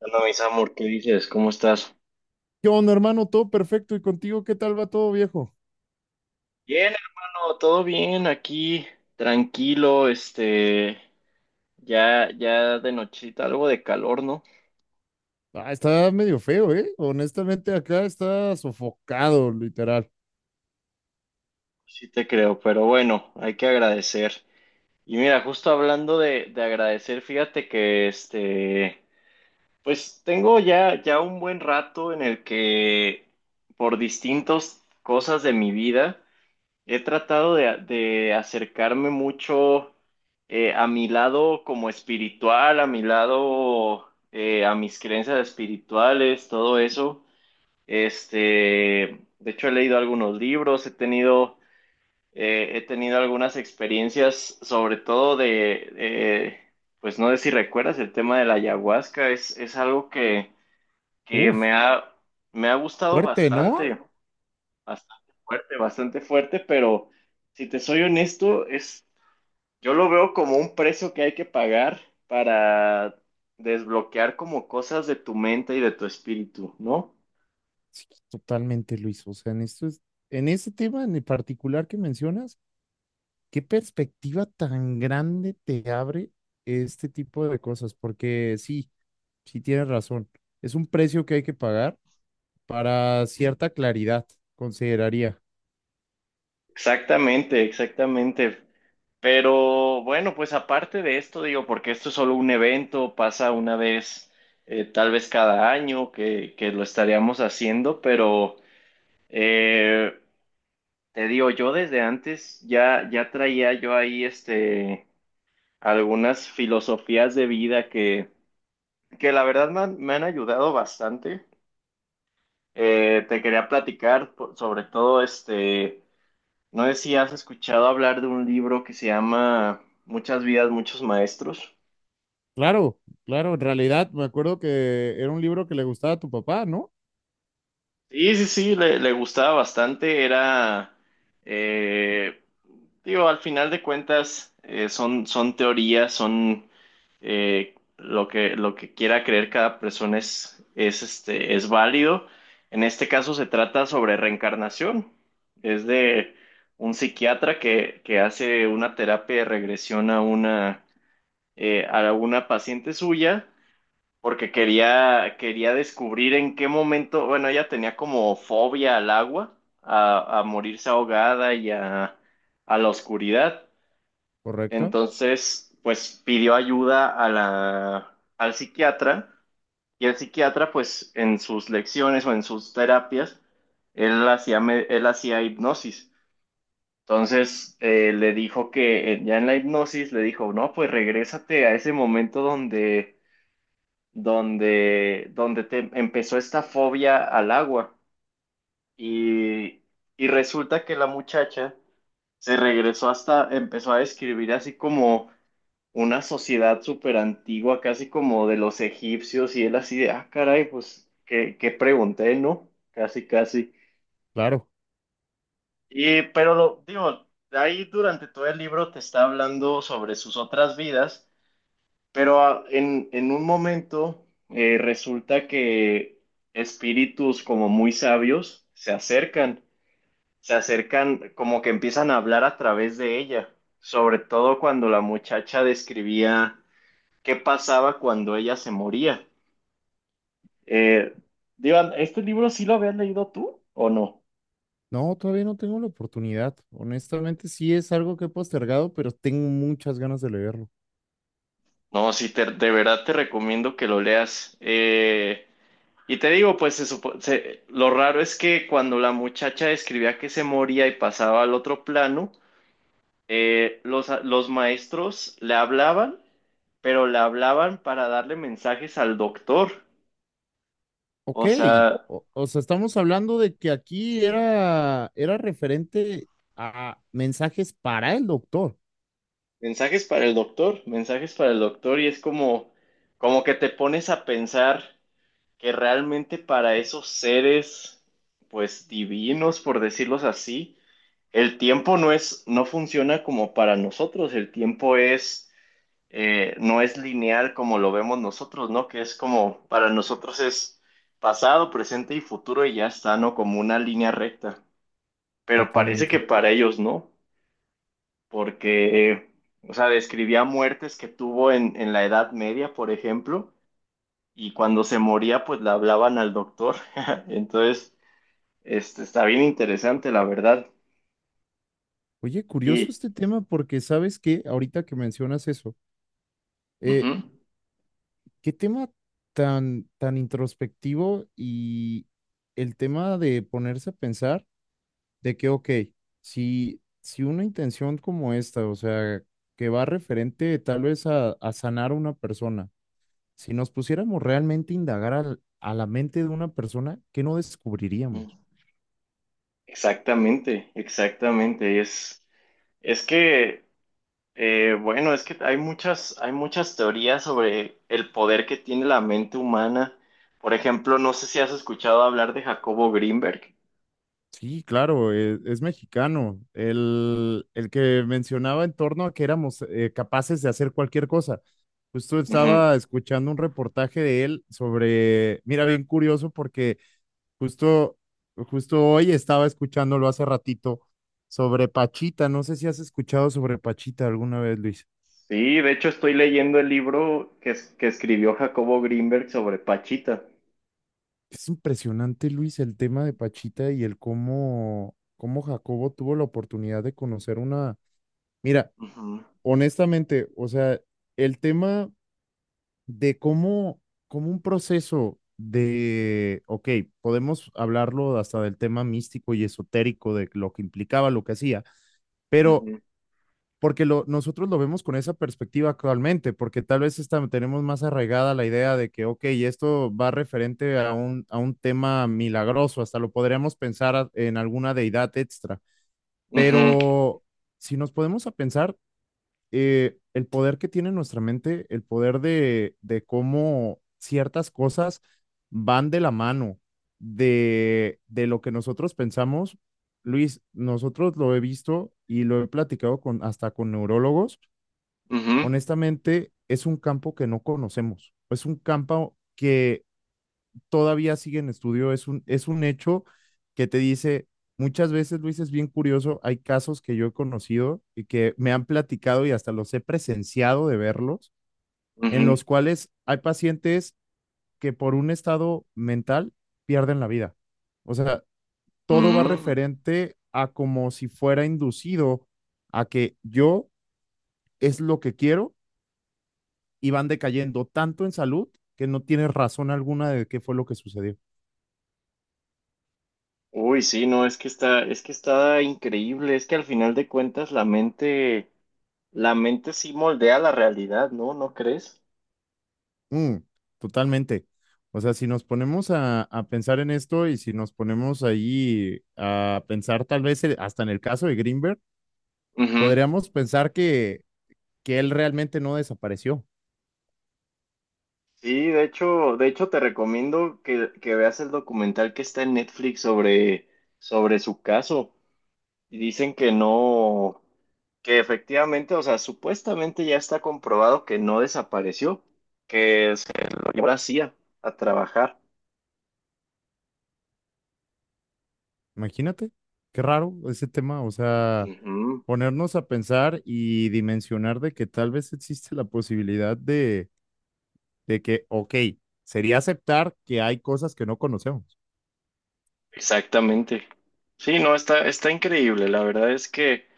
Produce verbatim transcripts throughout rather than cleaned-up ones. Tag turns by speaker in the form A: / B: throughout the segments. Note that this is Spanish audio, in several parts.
A: Hola, mis amor, ¿qué dices? ¿Cómo estás?
B: ¿Qué onda, hermano? Todo perfecto. ¿Y contigo qué tal va todo, viejo?
A: Bien, hermano, todo bien aquí, tranquilo, este, ya, ya de nochita, algo de calor, ¿no?
B: Ah, está medio feo, ¿eh? Honestamente, acá está sofocado, literal.
A: Sí te creo, pero bueno, hay que agradecer. Y mira, justo hablando de, de agradecer, fíjate que este, pues tengo ya, ya un buen rato en el que por distintas cosas de mi vida. He tratado de, de acercarme mucho eh, a mi lado como espiritual, a mi lado, eh, a mis creencias espirituales, todo eso. Este, de hecho, he leído algunos libros, he tenido, eh, he tenido algunas experiencias, sobre todo de, eh, pues no sé si recuerdas, el tema de la ayahuasca es, es algo que, que
B: Uf,
A: me ha, me ha gustado
B: fuerte, ¿no?
A: bastante. Bastante fuerte, bastante fuerte, pero si te soy honesto, es, yo lo veo como un precio que hay que pagar para desbloquear como cosas de tu mente y de tu espíritu, ¿no?
B: Sí, totalmente, Luis. O sea, en esto es, en este tema en particular que mencionas, ¿qué perspectiva tan grande te abre este tipo de cosas? Porque sí, sí tienes razón. Es un precio que hay que pagar para cierta claridad, consideraría.
A: Exactamente, exactamente. Pero bueno, pues aparte de esto, digo, porque esto es solo un evento, pasa una vez, eh, tal vez cada año que, que lo estaríamos haciendo, pero eh, te digo, yo desde antes ya, ya traía yo ahí este algunas filosofías de vida que, que la verdad me han, me han ayudado bastante. Eh, te quería platicar por- sobre todo este, no sé si has escuchado hablar de un libro que se llama Muchas vidas, muchos maestros.
B: Claro, claro, en realidad me acuerdo que era un libro que le gustaba a tu papá, ¿no?
A: Sí, sí, sí, le, le gustaba bastante. Era, eh, digo, al final de cuentas, eh, son, son teorías, son eh, lo que, lo que quiera creer cada persona es, es, este, es válido. En este caso se trata sobre reencarnación. Es de un psiquiatra que, que hace una terapia de regresión a una, eh, a una paciente suya porque quería, quería descubrir en qué momento, bueno, ella tenía como fobia al agua, a, a morirse ahogada y a, a la oscuridad.
B: Correcto,
A: Entonces, pues pidió ayuda a la, al psiquiatra y el psiquiatra, pues en sus lecciones o en sus terapias, él hacía, me- él hacía hipnosis. Entonces, eh, le dijo que eh, ya en la hipnosis le dijo, no, pues regrésate a ese momento donde donde, donde te empezó esta fobia al agua. Y, y resulta que la muchacha se regresó hasta, empezó a describir así como una sociedad súper antigua, casi como de los egipcios, y él así de, ah, caray, pues, ¿qué, qué pregunté, no? Casi, casi.
B: claro.
A: Y, pero lo, digo, ahí durante todo el libro te está hablando sobre sus otras vidas. Pero ah, en, en un momento eh, resulta que espíritus como muy sabios se acercan, se acercan como que empiezan a hablar a través de ella, sobre todo cuando la muchacha describía qué pasaba cuando ella se moría. Eh, Divan, ¿este libro sí lo habías leído tú o no?
B: No, todavía no tengo la oportunidad. Honestamente, sí es algo que he postergado, pero tengo muchas ganas de leerlo.
A: No, sí, te- de verdad te recomiendo que lo leas. Eh, Y te digo, pues se supo- se- lo raro es que cuando la muchacha describía que se moría y pasaba al otro plano, eh, los, a- los maestros le hablaban, pero le hablaban para darle mensajes al doctor.
B: Ok,
A: O sea,
B: o, o sea, estamos hablando de que aquí era, era referente a mensajes para el doctor.
A: mensajes para el doctor, mensajes para el doctor, y es como, como que te pones a pensar que realmente para esos seres, pues divinos, por decirlos así, el tiempo no es, no funciona como para nosotros, el tiempo es eh, no es lineal como lo vemos nosotros, ¿no? Que es como, para nosotros es pasado, presente y futuro y ya está, ¿no? Como una línea recta. Pero parece que
B: Totalmente.
A: para ellos no, porque, eh, o sea, describía muertes que tuvo en, en la Edad Media, por ejemplo, y cuando se moría, pues le hablaban al doctor. Entonces, este, está bien interesante, la verdad.
B: Oye, curioso
A: Y,
B: este tema porque sabes que ahorita que mencionas eso,
A: ujú,
B: eh, qué tema tan, tan introspectivo y el tema de ponerse a pensar de que, ok, si, si una intención como esta, o sea, que va referente tal vez a, a sanar a una persona, si nos pusiéramos realmente a indagar al- a la mente de una persona, ¿qué no descubriríamos?
A: exactamente, exactamente, es, es que... Eh, bueno, es que hay muchas, hay muchas teorías sobre el poder que tiene la mente humana. Por ejemplo, no sé si has escuchado hablar de Jacobo Greenberg.
B: Sí, claro, e- es mexicano. El, el que mencionaba en torno a que éramos eh, capaces de hacer cualquier cosa. Justo
A: Ujú.
B: estaba escuchando un reportaje de él sobre, mira, bien curioso porque justo, justo hoy estaba escuchándolo hace ratito sobre Pachita. No sé si has escuchado sobre Pachita alguna vez, Luis.
A: Sí, de hecho estoy leyendo el libro que, es- que escribió Jacobo Greenberg sobre Pachita.
B: Es impresionante, Luis, el tema de Pachita y el cómo, cómo Jacobo tuvo la oportunidad de conocer una... Mira.
A: Ujú,
B: Honestamente, o sea, el tema de cómo, cómo un proceso de, ok, podemos hablarlo hasta del tema místico y esotérico de lo que implicaba, lo que hacía, pero porque lo, nosotros lo vemos con esa perspectiva actualmente, porque tal vez está- tenemos más arraigada la idea de que, ok, esto va referente a un, a un tema milagroso, hasta lo podríamos pensar a- en alguna deidad extra,
A: ujú, ujú,
B: pero si nos podemos a pensar eh, el poder que tiene nuestra mente, el poder de, de cómo ciertas cosas van de la mano de, de lo que nosotros pensamos. Luis, nosotros lo he visto y lo he platicado con, hasta con neurólogos.
A: ujú,
B: Honestamente, es un campo que no conocemos. Es un campo que todavía sigue en estudio, es un, es un hecho que te dice, muchas veces, Luis, es bien curioso, hay casos que yo he conocido y que me han platicado y hasta los he presenciado de verlos, en
A: ujú,
B: los cuales hay pacientes que por un estado mental pierden la vida. O sea, todo va
A: ujú.
B: referente a como si fuera inducido a que yo es lo que quiero y van decayendo tanto en salud que no tienes razón alguna de qué fue lo que sucedió.
A: Uy, sí, no, es que está, es que está increíble. Es que al final de cuentas la mente, la mente sí moldea la realidad, ¿no? ¿No crees?
B: Mm, totalmente. O sea, si nos ponemos a, a pensar en esto y si nos ponemos ahí a pensar tal vez eh, hasta en el caso de Greenberg,
A: Ujú.
B: podríamos pensar que, que él realmente no desapareció.
A: Sí, de hecho, de hecho te recomiendo que, que veas el documental que está en Netflix sobre, sobre su caso. Y dicen que no, que efectivamente, o sea, supuestamente ya está comprobado que no desapareció, que se lo llevó a la CIA a a trabajar.
B: Imagínate, qué raro ese tema. O sea,
A: Ujú,
B: ponernos a pensar y dimensionar de que tal vez existe la posibilidad de, de que, ok, sería aceptar que hay cosas que no conocemos.
A: exactamente. Sí, no, está, está increíble. La verdad es que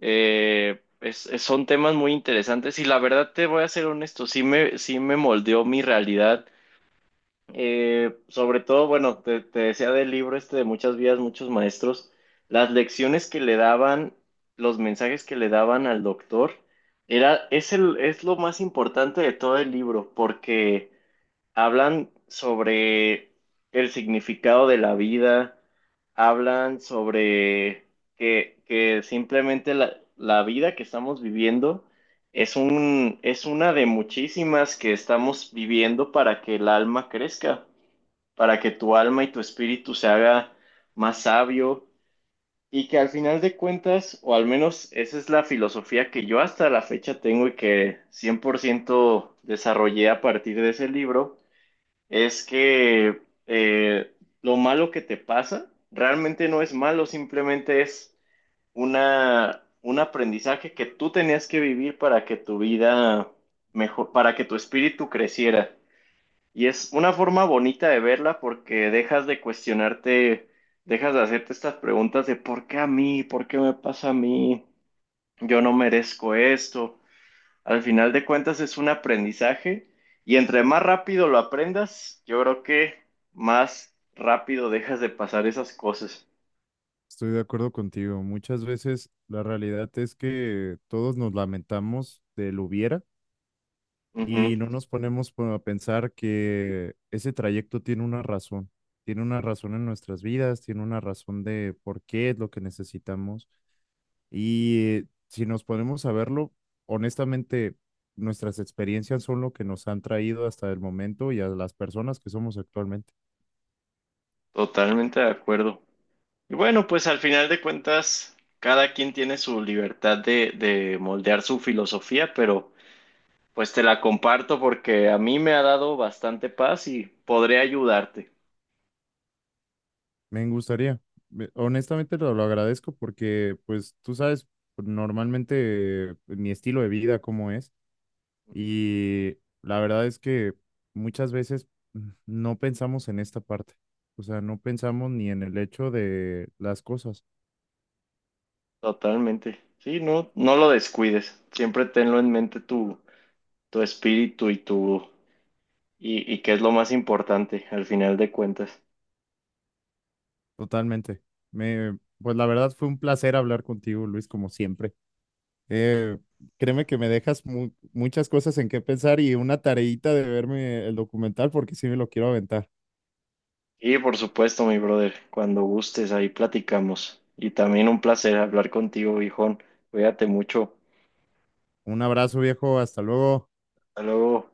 A: eh, es- es- son temas muy interesantes y la verdad te voy a ser honesto, sí me, sí me moldeó mi realidad. Eh, sobre todo, bueno, te, te decía del libro este de muchas vidas, muchos maestros, las lecciones que le daban, los mensajes que le daban al doctor, era, es el, es lo más importante de todo el libro, porque hablan sobre el significado de la vida, hablan sobre que, que simplemente la, la vida que estamos viviendo es un, es una de muchísimas que estamos viviendo para que el alma crezca, para que tu alma y tu espíritu se haga más sabio. Y que al final de cuentas, o al menos esa es la filosofía que yo hasta la fecha tengo y que cien por ciento desarrollé a partir de ese libro, es que eh, lo malo que te pasa realmente no es malo, simplemente es una, un aprendizaje que tú tenías que vivir para que tu vida mejor, para que tu espíritu creciera. Y es una forma bonita de verla porque dejas de cuestionarte, dejas de hacerte estas preguntas de ¿por qué a mí? ¿Por qué me pasa a mí? Yo no merezco esto. Al final de cuentas es un aprendizaje, y entre más rápido lo aprendas, yo creo que más rápido dejas de pasar esas cosas.
B: Estoy de acuerdo contigo. Muchas veces la realidad es que todos nos lamentamos del hubiera
A: Ujú,
B: y no nos ponemos po- a pensar que ese trayecto tiene una razón. Tiene una razón en nuestras vidas, tiene una razón de por qué es lo que necesitamos. Y eh, si nos ponemos a verlo, honestamente, nuestras experiencias son lo que nos han traído hasta el momento y a las personas que somos actualmente.
A: totalmente de acuerdo. Y bueno, pues al final de cuentas, cada quien tiene su libertad de, de moldear su filosofía, pero... Pues te la comparto porque a mí me ha dado bastante paz y podré ayudarte.
B: Me gustaría. Me- Honestamente lo, lo agradezco porque, pues, tú sabes pues, normalmente eh, mi estilo de vida cómo es y la verdad es que muchas veces mm, no pensamos en esta parte. O sea, no pensamos ni en el hecho de las cosas.
A: Totalmente. Sí, no, no lo descuides. Siempre tenlo en mente tu, tu espíritu y tu y, y qué es lo más importante al final de cuentas.
B: Totalmente. Me, pues la verdad fue un placer hablar contigo, Luis, como siempre. Eh, créeme que me dejas mu- muchas cosas en qué pensar y una tareita de verme el documental porque sí me lo quiero aventar.
A: Y por supuesto, mi brother, cuando gustes, ahí platicamos. Y también un placer hablar contigo, viejón. Cuídate mucho.
B: Un abrazo, viejo. Hasta luego.
A: Hasta luego.